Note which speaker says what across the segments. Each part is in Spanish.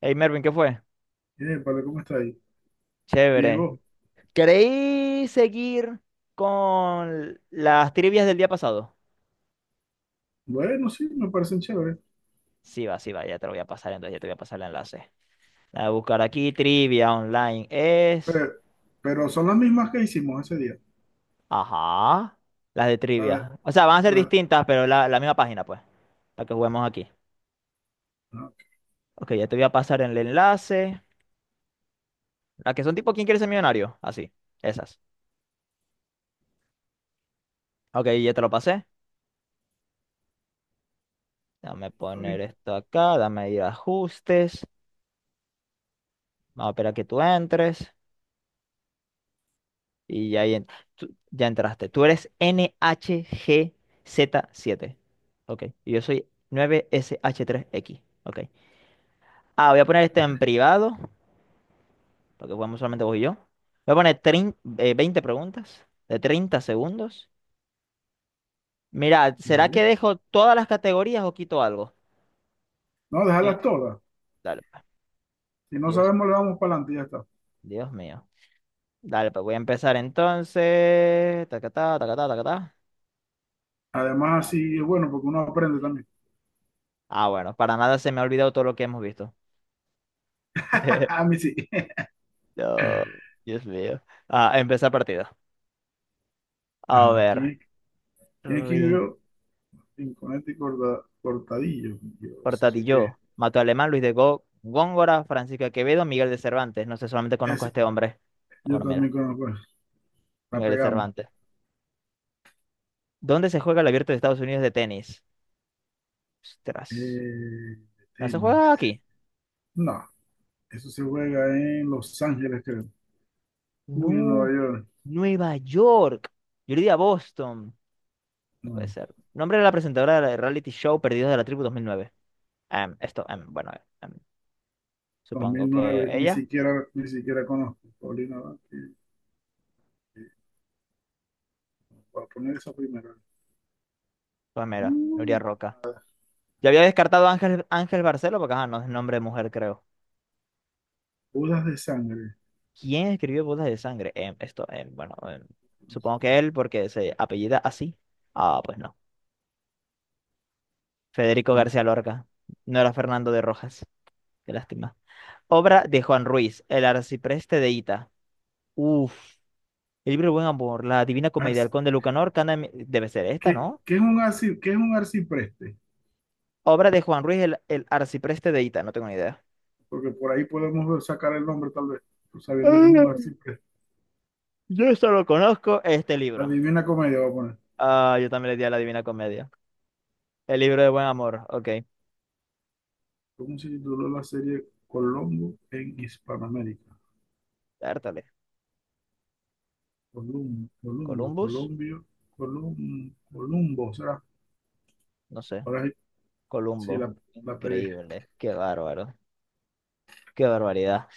Speaker 1: Hey Mervin, ¿qué fue?
Speaker 2: Vale, ¿cómo está ahí? Bien,
Speaker 1: Chévere.
Speaker 2: vos.
Speaker 1: ¿Queréis seguir con las trivias del día pasado?
Speaker 2: Bueno, sí, me parecen chéveres.
Speaker 1: Sí, va, ya te lo voy a pasar, entonces ya te voy a pasar el enlace. La de buscar aquí, trivia online es.
Speaker 2: Pero, pero son las mismas que hicimos ese día.
Speaker 1: Ajá. Las de
Speaker 2: La de-
Speaker 1: trivia. O sea, van a ser
Speaker 2: la-
Speaker 1: distintas, pero la misma página, pues, para que juguemos aquí.
Speaker 2: no, aquí
Speaker 1: Ok, ya te voy a pasar el enlace. Las que son tipo ¿Quién quiere ser millonario? Así, esas. Ok, ya te lo pasé. Dame poner
Speaker 2: estoy.
Speaker 1: esto acá, dame ir a ajustes. Vamos a esperar a que tú entres. Y ya, ya entraste. Tú eres nhgz siete. Ok. Y yo soy 9 sh tres x. Ok. Ah, voy a poner esto en privado, porque jugamos solamente vos y yo. Voy a poner 20 preguntas de 30 segundos. Mira, ¿será que
Speaker 2: Dale.
Speaker 1: dejo todas las categorías o quito algo?
Speaker 2: No,
Speaker 1: Sí.
Speaker 2: déjalas todas.
Speaker 1: Dale, pues.
Speaker 2: Si no
Speaker 1: Dios,
Speaker 2: sabemos, le vamos para adelante y ya está.
Speaker 1: Dios mío. Dale, pues voy a empezar entonces. Tacatá, tacatá, tacatá.
Speaker 2: Además,
Speaker 1: Ya.
Speaker 2: así es bueno porque uno aprende también.
Speaker 1: Ah, bueno, para nada se me ha olvidado todo lo que hemos visto.
Speaker 2: A mí sí.
Speaker 1: No, Dios mío. Ah, empezar partido. A
Speaker 2: Ajá,
Speaker 1: ver.
Speaker 2: ¿quién
Speaker 1: Rin,
Speaker 2: escribió Rinconete y Cortadillo? Dios, ¿eso qué es?
Speaker 1: Portatillo. Mató Alemán, Luis de Góngora, Francisco de Quevedo, Miguel de Cervantes. No sé, solamente conozco a
Speaker 2: Ese-
Speaker 1: este hombre. Ah,
Speaker 2: yo
Speaker 1: bueno, mira.
Speaker 2: también conozco eso. La
Speaker 1: Miguel de
Speaker 2: pegamos.
Speaker 1: Cervantes. ¿Dónde se juega el Abierto de Estados Unidos de tenis? Ostras.
Speaker 2: Eh,
Speaker 1: ¿No se juega
Speaker 2: Tenis.
Speaker 1: aquí?
Speaker 2: No, eso se juega en Los Ángeles, creo. Uy, en Nueva
Speaker 1: No.
Speaker 2: York.
Speaker 1: Nueva York. Yo le di a Boston. No puede
Speaker 2: No.
Speaker 1: ser. Nombre de la presentadora del reality show Perdidos de la Tribu 2009. Em, esto, em, bueno, em,
Speaker 2: dos
Speaker 1: supongo
Speaker 2: mil
Speaker 1: que
Speaker 2: nueve ni
Speaker 1: ella.
Speaker 2: siquiera, ni siquiera conozco Paulina Abad. Voy a poner esa primera.
Speaker 1: Pues mira, Nuria
Speaker 2: Mm.
Speaker 1: Roca. Ya había descartado a Ángel, Ángel Barcelo porque ajá, no es nombre de mujer, creo.
Speaker 2: Bodas de sangre.
Speaker 1: ¿Quién escribió Bodas de Sangre? Em, esto, em, bueno, em,
Speaker 2: No
Speaker 1: supongo que
Speaker 2: sé.
Speaker 1: él porque se apellida así. Ah, pues no. Federico
Speaker 2: tam-
Speaker 1: García Lorca. No era Fernando de Rojas. Qué lástima. Obra de Juan Ruiz, El arcipreste de Ita. Uf. El libro del Buen Amor, La Divina Comedia,
Speaker 2: arci-
Speaker 1: El Conde Lucanor, debe ser esta,
Speaker 2: ¿Qué,
Speaker 1: ¿no?
Speaker 2: qué es un arcipreste?
Speaker 1: Obra de Juan Ruiz, el arcipreste de Ita. No tengo ni idea.
Speaker 2: Porque por ahí sacar el nombre tal vez, pues, sabiendo que es un
Speaker 1: Ah,
Speaker 2: arcipreste.
Speaker 1: yo solo conozco este
Speaker 2: La
Speaker 1: libro.
Speaker 2: Divina Comedia voy a poner.
Speaker 1: Ah, yo también le di a La Divina Comedia. El libro de buen amor, ok.
Speaker 2: ¿Cómo se tituló la serie Colombo en Hispanoamérica?
Speaker 1: Dártale.
Speaker 2: Columbo, Columbo,
Speaker 1: Columbus,
Speaker 2: Colombio, Columbo, será.
Speaker 1: no sé.
Speaker 2: Ahora sí, sí,
Speaker 1: Columbo.
Speaker 2: la pegué.
Speaker 1: Increíble. Qué bárbaro. Qué barbaridad.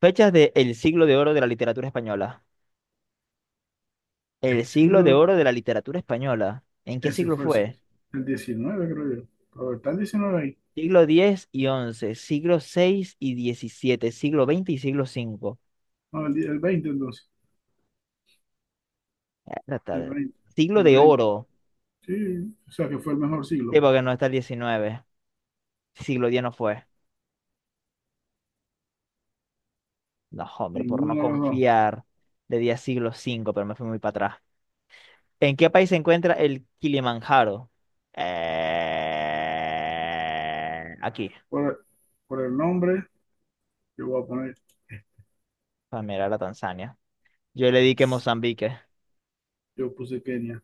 Speaker 1: Fechas de el siglo de oro de la literatura española.
Speaker 2: El
Speaker 1: El siglo de
Speaker 2: siglo
Speaker 1: oro de la literatura española. ¿En qué
Speaker 2: Ese
Speaker 1: siglo
Speaker 2: fue el, si-
Speaker 1: fue?
Speaker 2: El 19, creo yo. Pero está el diecinueve ahí.
Speaker 1: Siglo X y once, siglo seis y diecisiete, siglo veinte y siglo V.
Speaker 2: No, el veinte entonces. El
Speaker 1: Dártale.
Speaker 2: 20,
Speaker 1: Siglo
Speaker 2: El
Speaker 1: de
Speaker 2: 20,
Speaker 1: oro.
Speaker 2: Sí, o sea que fue el mejor siglo,
Speaker 1: Sí,
Speaker 2: pues.
Speaker 1: porque no está el XIX. Siglo diez no fue. No, hombre, por no
Speaker 2: Ninguno de los dos.
Speaker 1: confiar, le di a siglo cinco, pero me fui muy para atrás. ¿En qué país se encuentra el Kilimanjaro? Aquí,
Speaker 2: Por, por el nombre, yo voy a poner,
Speaker 1: para mirar a Tanzania. Yo le di que Mozambique.
Speaker 2: yo puse Kenia.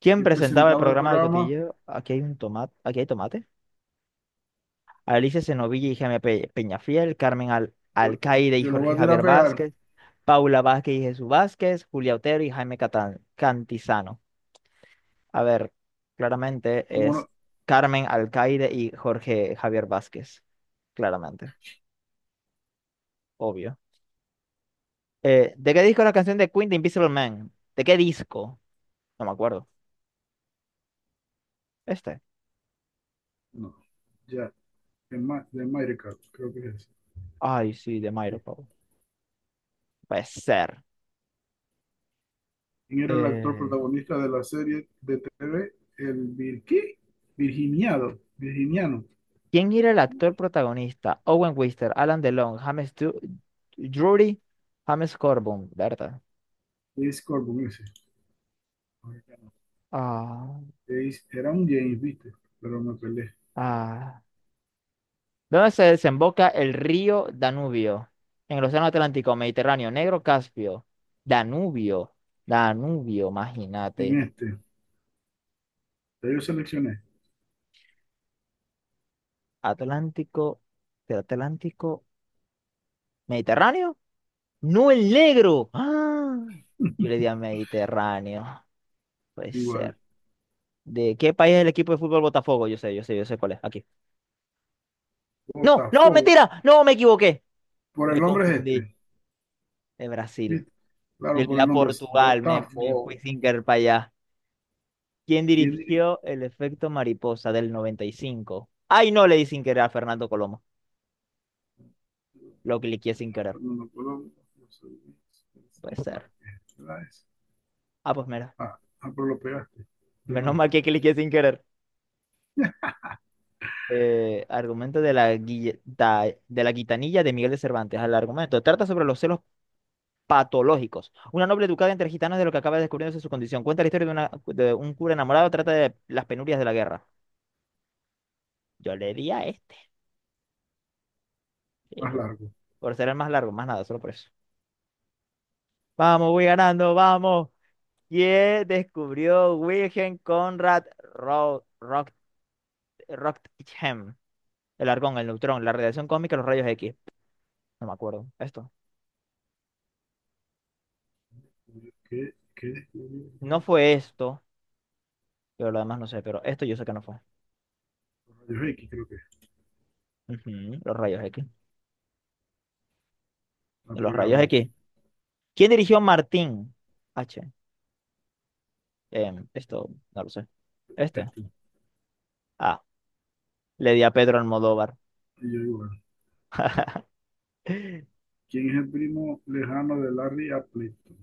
Speaker 1: ¿Quién
Speaker 2: Quien
Speaker 1: presentaba el
Speaker 2: presentaba el
Speaker 1: programa del
Speaker 2: programa,
Speaker 1: cotilleo? Aquí hay un tomate. Aquí hay tomate. Alicia Senovilla y Jaime Peñafiel, Carmen Al
Speaker 2: yo,
Speaker 1: Alcaide y
Speaker 2: yo lo
Speaker 1: Jorge
Speaker 2: voy a tirar
Speaker 1: Javier
Speaker 2: a pegar.
Speaker 1: Vázquez, Paula Vázquez y Jesús Vázquez, Julia Otero y Jaime Cantizano. A ver, claramente
Speaker 2: ¿Cómo
Speaker 1: es
Speaker 2: no?
Speaker 1: Carmen Alcaide y Jorge Javier Vázquez. Claramente, obvio. ¿De qué disco es la canción de Queen de Invisible Man? ¿De qué disco? No me acuerdo. ¿Este?
Speaker 2: No. Ya, de Mairecat, creo que es.
Speaker 1: Ay, sí, de Mairo
Speaker 2: Sí.
Speaker 1: Pablo. Puede ser.
Speaker 2: ¿Quién era el actor
Speaker 1: Eh,
Speaker 2: protagonista de la serie de TV? El Virqui, Virginiano,
Speaker 1: ¿Quién era el actor protagonista? Owen Wister, Alan DeLong, James Drury, James Corbin, ¿verdad?
Speaker 2: de Scorpion, Jace,
Speaker 1: Ah,
Speaker 2: era un James, viste, pero me peleé.
Speaker 1: ah. ¿Dónde se desemboca el río Danubio? En el Océano Atlántico, Mediterráneo, Negro, Caspio. Danubio, Danubio, imagínate.
Speaker 2: En este, ya yo seleccioné.
Speaker 1: Atlántico, ¿del Atlántico, Mediterráneo? No, el negro. ¡Ah! Yo le di a Mediterráneo. Puede
Speaker 2: Igual.
Speaker 1: ser. ¿De qué país es el equipo de fútbol Botafogo? Yo sé, yo sé, yo sé cuál es. Aquí. No, no,
Speaker 2: Botafogo.
Speaker 1: mentira. No, me equivoqué.
Speaker 2: Por el
Speaker 1: Me
Speaker 2: nombre es
Speaker 1: confundí.
Speaker 2: este,
Speaker 1: De Brasil.
Speaker 2: viste.
Speaker 1: Yo le
Speaker 2: Claro,
Speaker 1: di
Speaker 2: por
Speaker 1: a
Speaker 2: el nombre es
Speaker 1: Portugal. Me fui
Speaker 2: Botafogo.
Speaker 1: sin querer para allá. ¿Quién
Speaker 2: ¿Quién diría?
Speaker 1: dirigió el efecto mariposa del 95? Ay, no, le di sin querer a Fernando Colomo. Lo cliqué sin
Speaker 2: Bueno,
Speaker 1: querer.
Speaker 2: Fernando Colón, José Luis
Speaker 1: Puede
Speaker 2: García
Speaker 1: ser.
Speaker 2: Márquez, ¿verdad ese?
Speaker 1: Ah, pues mira.
Speaker 2: Ah, ah, pero lo pegaste. Yo
Speaker 1: Menos
Speaker 2: no.
Speaker 1: mal que cliqué sin querer. Argumento de la, de la gitanilla de Miguel de Cervantes. Al argumento. Trata sobre los celos patológicos. Una noble educada entre gitanos de lo que acaba descubriéndose su condición. Cuenta la historia de, una, de un cura enamorado. Trata de las penurias de la guerra. Yo le di a este. Sí,
Speaker 2: Más
Speaker 1: pero
Speaker 2: largo.
Speaker 1: por ser el más largo, más nada, solo por eso. Vamos, voy ganando, vamos. ¿Quién descubrió Wilhelm Conrad Roentgen? El argón, el neutrón, la radiación cósmica, los rayos X. No me acuerdo. Esto.
Speaker 2: ¿Qué? ¿Qué?
Speaker 1: No fue esto. Yo lo demás no sé, pero esto yo sé que no fue.
Speaker 2: Rayos X, creo que es.
Speaker 1: Ujú, los rayos X.
Speaker 2: La
Speaker 1: Los rayos
Speaker 2: pegamos.
Speaker 1: X. ¿Quién dirigió Martín? H. Esto no lo sé. Este.
Speaker 2: Este.
Speaker 1: Ah, le di a Pedro Almodóvar.
Speaker 2: Y yo igual. ¿Quién es el primo lejano de Larry Appleton?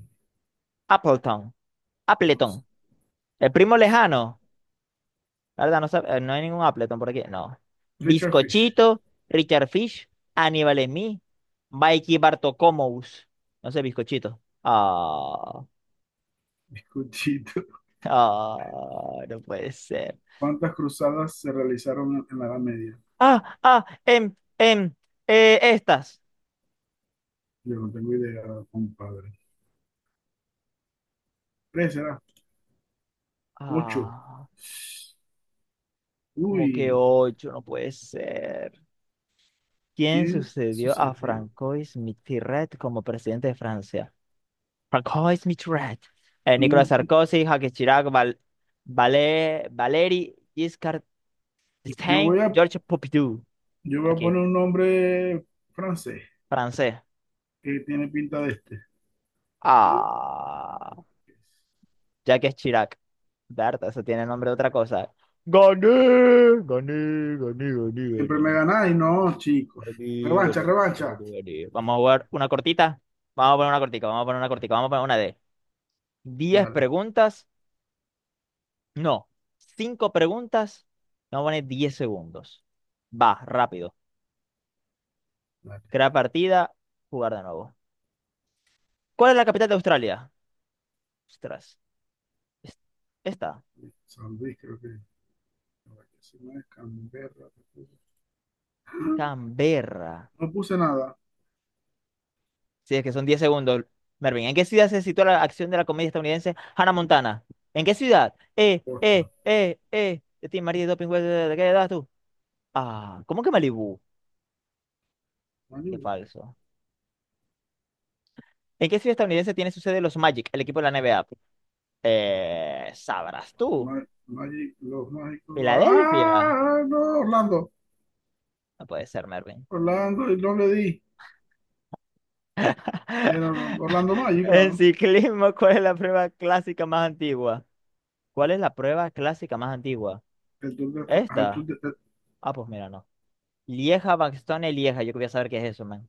Speaker 1: Appleton.
Speaker 2: No sé,
Speaker 1: Appleton. El primo
Speaker 2: no sé.
Speaker 1: lejano. La, ¿verdad? No, no hay ningún Appleton por aquí. No.
Speaker 2: Richard Fish.
Speaker 1: Bizcochito, Richard Fish, Aníbal Emí, Mikey Bartocomous. No sé, bizcochito. Ah,
Speaker 2: Escuchito.
Speaker 1: ah, no puede ser.
Speaker 2: ¿Cuántas cruzadas se realizaron en la Edad Media?
Speaker 1: Ah, ah, em, em, estas.
Speaker 2: Yo no tengo idea, compadre. ¿Tres será? Ocho.
Speaker 1: Ah, como que
Speaker 2: Uy,
Speaker 1: ocho, no puede ser. ¿Quién
Speaker 2: ¿quién
Speaker 1: sucedió a
Speaker 2: sucedió?
Speaker 1: Francois Mitterrand como presidente de Francia? Francois Mitterrand. Nicolas
Speaker 2: Mm.
Speaker 1: Sarkozy, Jacques Chirac, Valéry Giscard
Speaker 2: Yo
Speaker 1: d'Estaing,
Speaker 2: voy a,
Speaker 1: Georges Pompidou.
Speaker 2: yo voy a
Speaker 1: Aquí,
Speaker 2: poner un nombre francés
Speaker 1: francés.
Speaker 2: que tiene pinta de este.
Speaker 1: Ah, Jacques Chirac. Berta, eso tiene nombre de otra cosa. Gané, gané, gané, gané,
Speaker 2: Siempre me
Speaker 1: gané.
Speaker 2: ganáis, no, chicos.
Speaker 1: Ari, Ari,
Speaker 2: Revancha, revancha.
Speaker 1: Ari, Ari. Vamos a jugar una cortita. Vamos a poner una cortica, vamos a poner una cortica, vamos a poner una de diez
Speaker 2: Dale,
Speaker 1: preguntas. No, 5 preguntas. Vamos a poner 10 segundos. Va, rápido.
Speaker 2: dale.
Speaker 1: Crear partida, jugar de nuevo. ¿Cuál es la capital de Australia? Ostras. es- Esta.
Speaker 2: San Luis, creo que. No, que si no es Canberra.
Speaker 1: Canberra.
Speaker 2: No puse nada.
Speaker 1: Sí, es que son 10 segundos. Mervin, ¿en qué ciudad se sitúa la acción de la comedia estadounidense Hannah Montana? ¿En qué ciudad?
Speaker 2: Boston.
Speaker 1: De ti, María, doping, ¿de qué edad tú? Ah, ¿cómo que Malibu? Qué
Speaker 2: Malibu.
Speaker 1: falso. ¿En qué ciudad estadounidense tiene su sede los Magic, el equipo de la NBA? Sabrás tú.
Speaker 2: Magic, los mágicos.
Speaker 1: ¿Filadelfia?
Speaker 2: Ah, no, Orlando.
Speaker 1: No puede ser, Mervin.
Speaker 2: Orlando, y no le di. Era Orlando Magic,
Speaker 1: En
Speaker 2: claro.
Speaker 1: ciclismo, ¿cuál es la prueba clásica más antigua? ¿Cuál es la prueba clásica más antigua?
Speaker 2: El tour de, Fra- Al
Speaker 1: ¿Esta?
Speaker 2: tour de,
Speaker 1: Ah, pues mira, no. Lieja, Bastogne, Lieja. Yo quería saber qué es eso, man.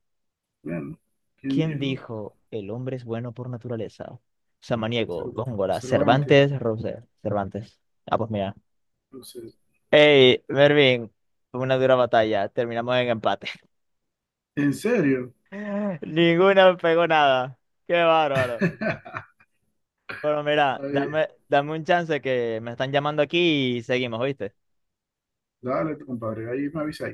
Speaker 2: bueno, ¿quién
Speaker 1: ¿Quién
Speaker 2: dijo?
Speaker 1: dijo el hombre es bueno por naturaleza? Samaniego,
Speaker 2: Cerv-
Speaker 1: Góngora,
Speaker 2: Cervantes.
Speaker 1: Cervantes, Rousseau. Cervantes. Ah, pues mira.
Speaker 2: No sé.
Speaker 1: Hey, Mervin, fue una dura batalla. Terminamos en empate.
Speaker 2: ¿En serio?
Speaker 1: Ninguna pegó nada. Qué bárbaro. Pero mira,
Speaker 2: Está bien.
Speaker 1: dame, dame un chance que me están llamando aquí y seguimos, ¿viste?
Speaker 2: Dale, compadre, ahí me avisa.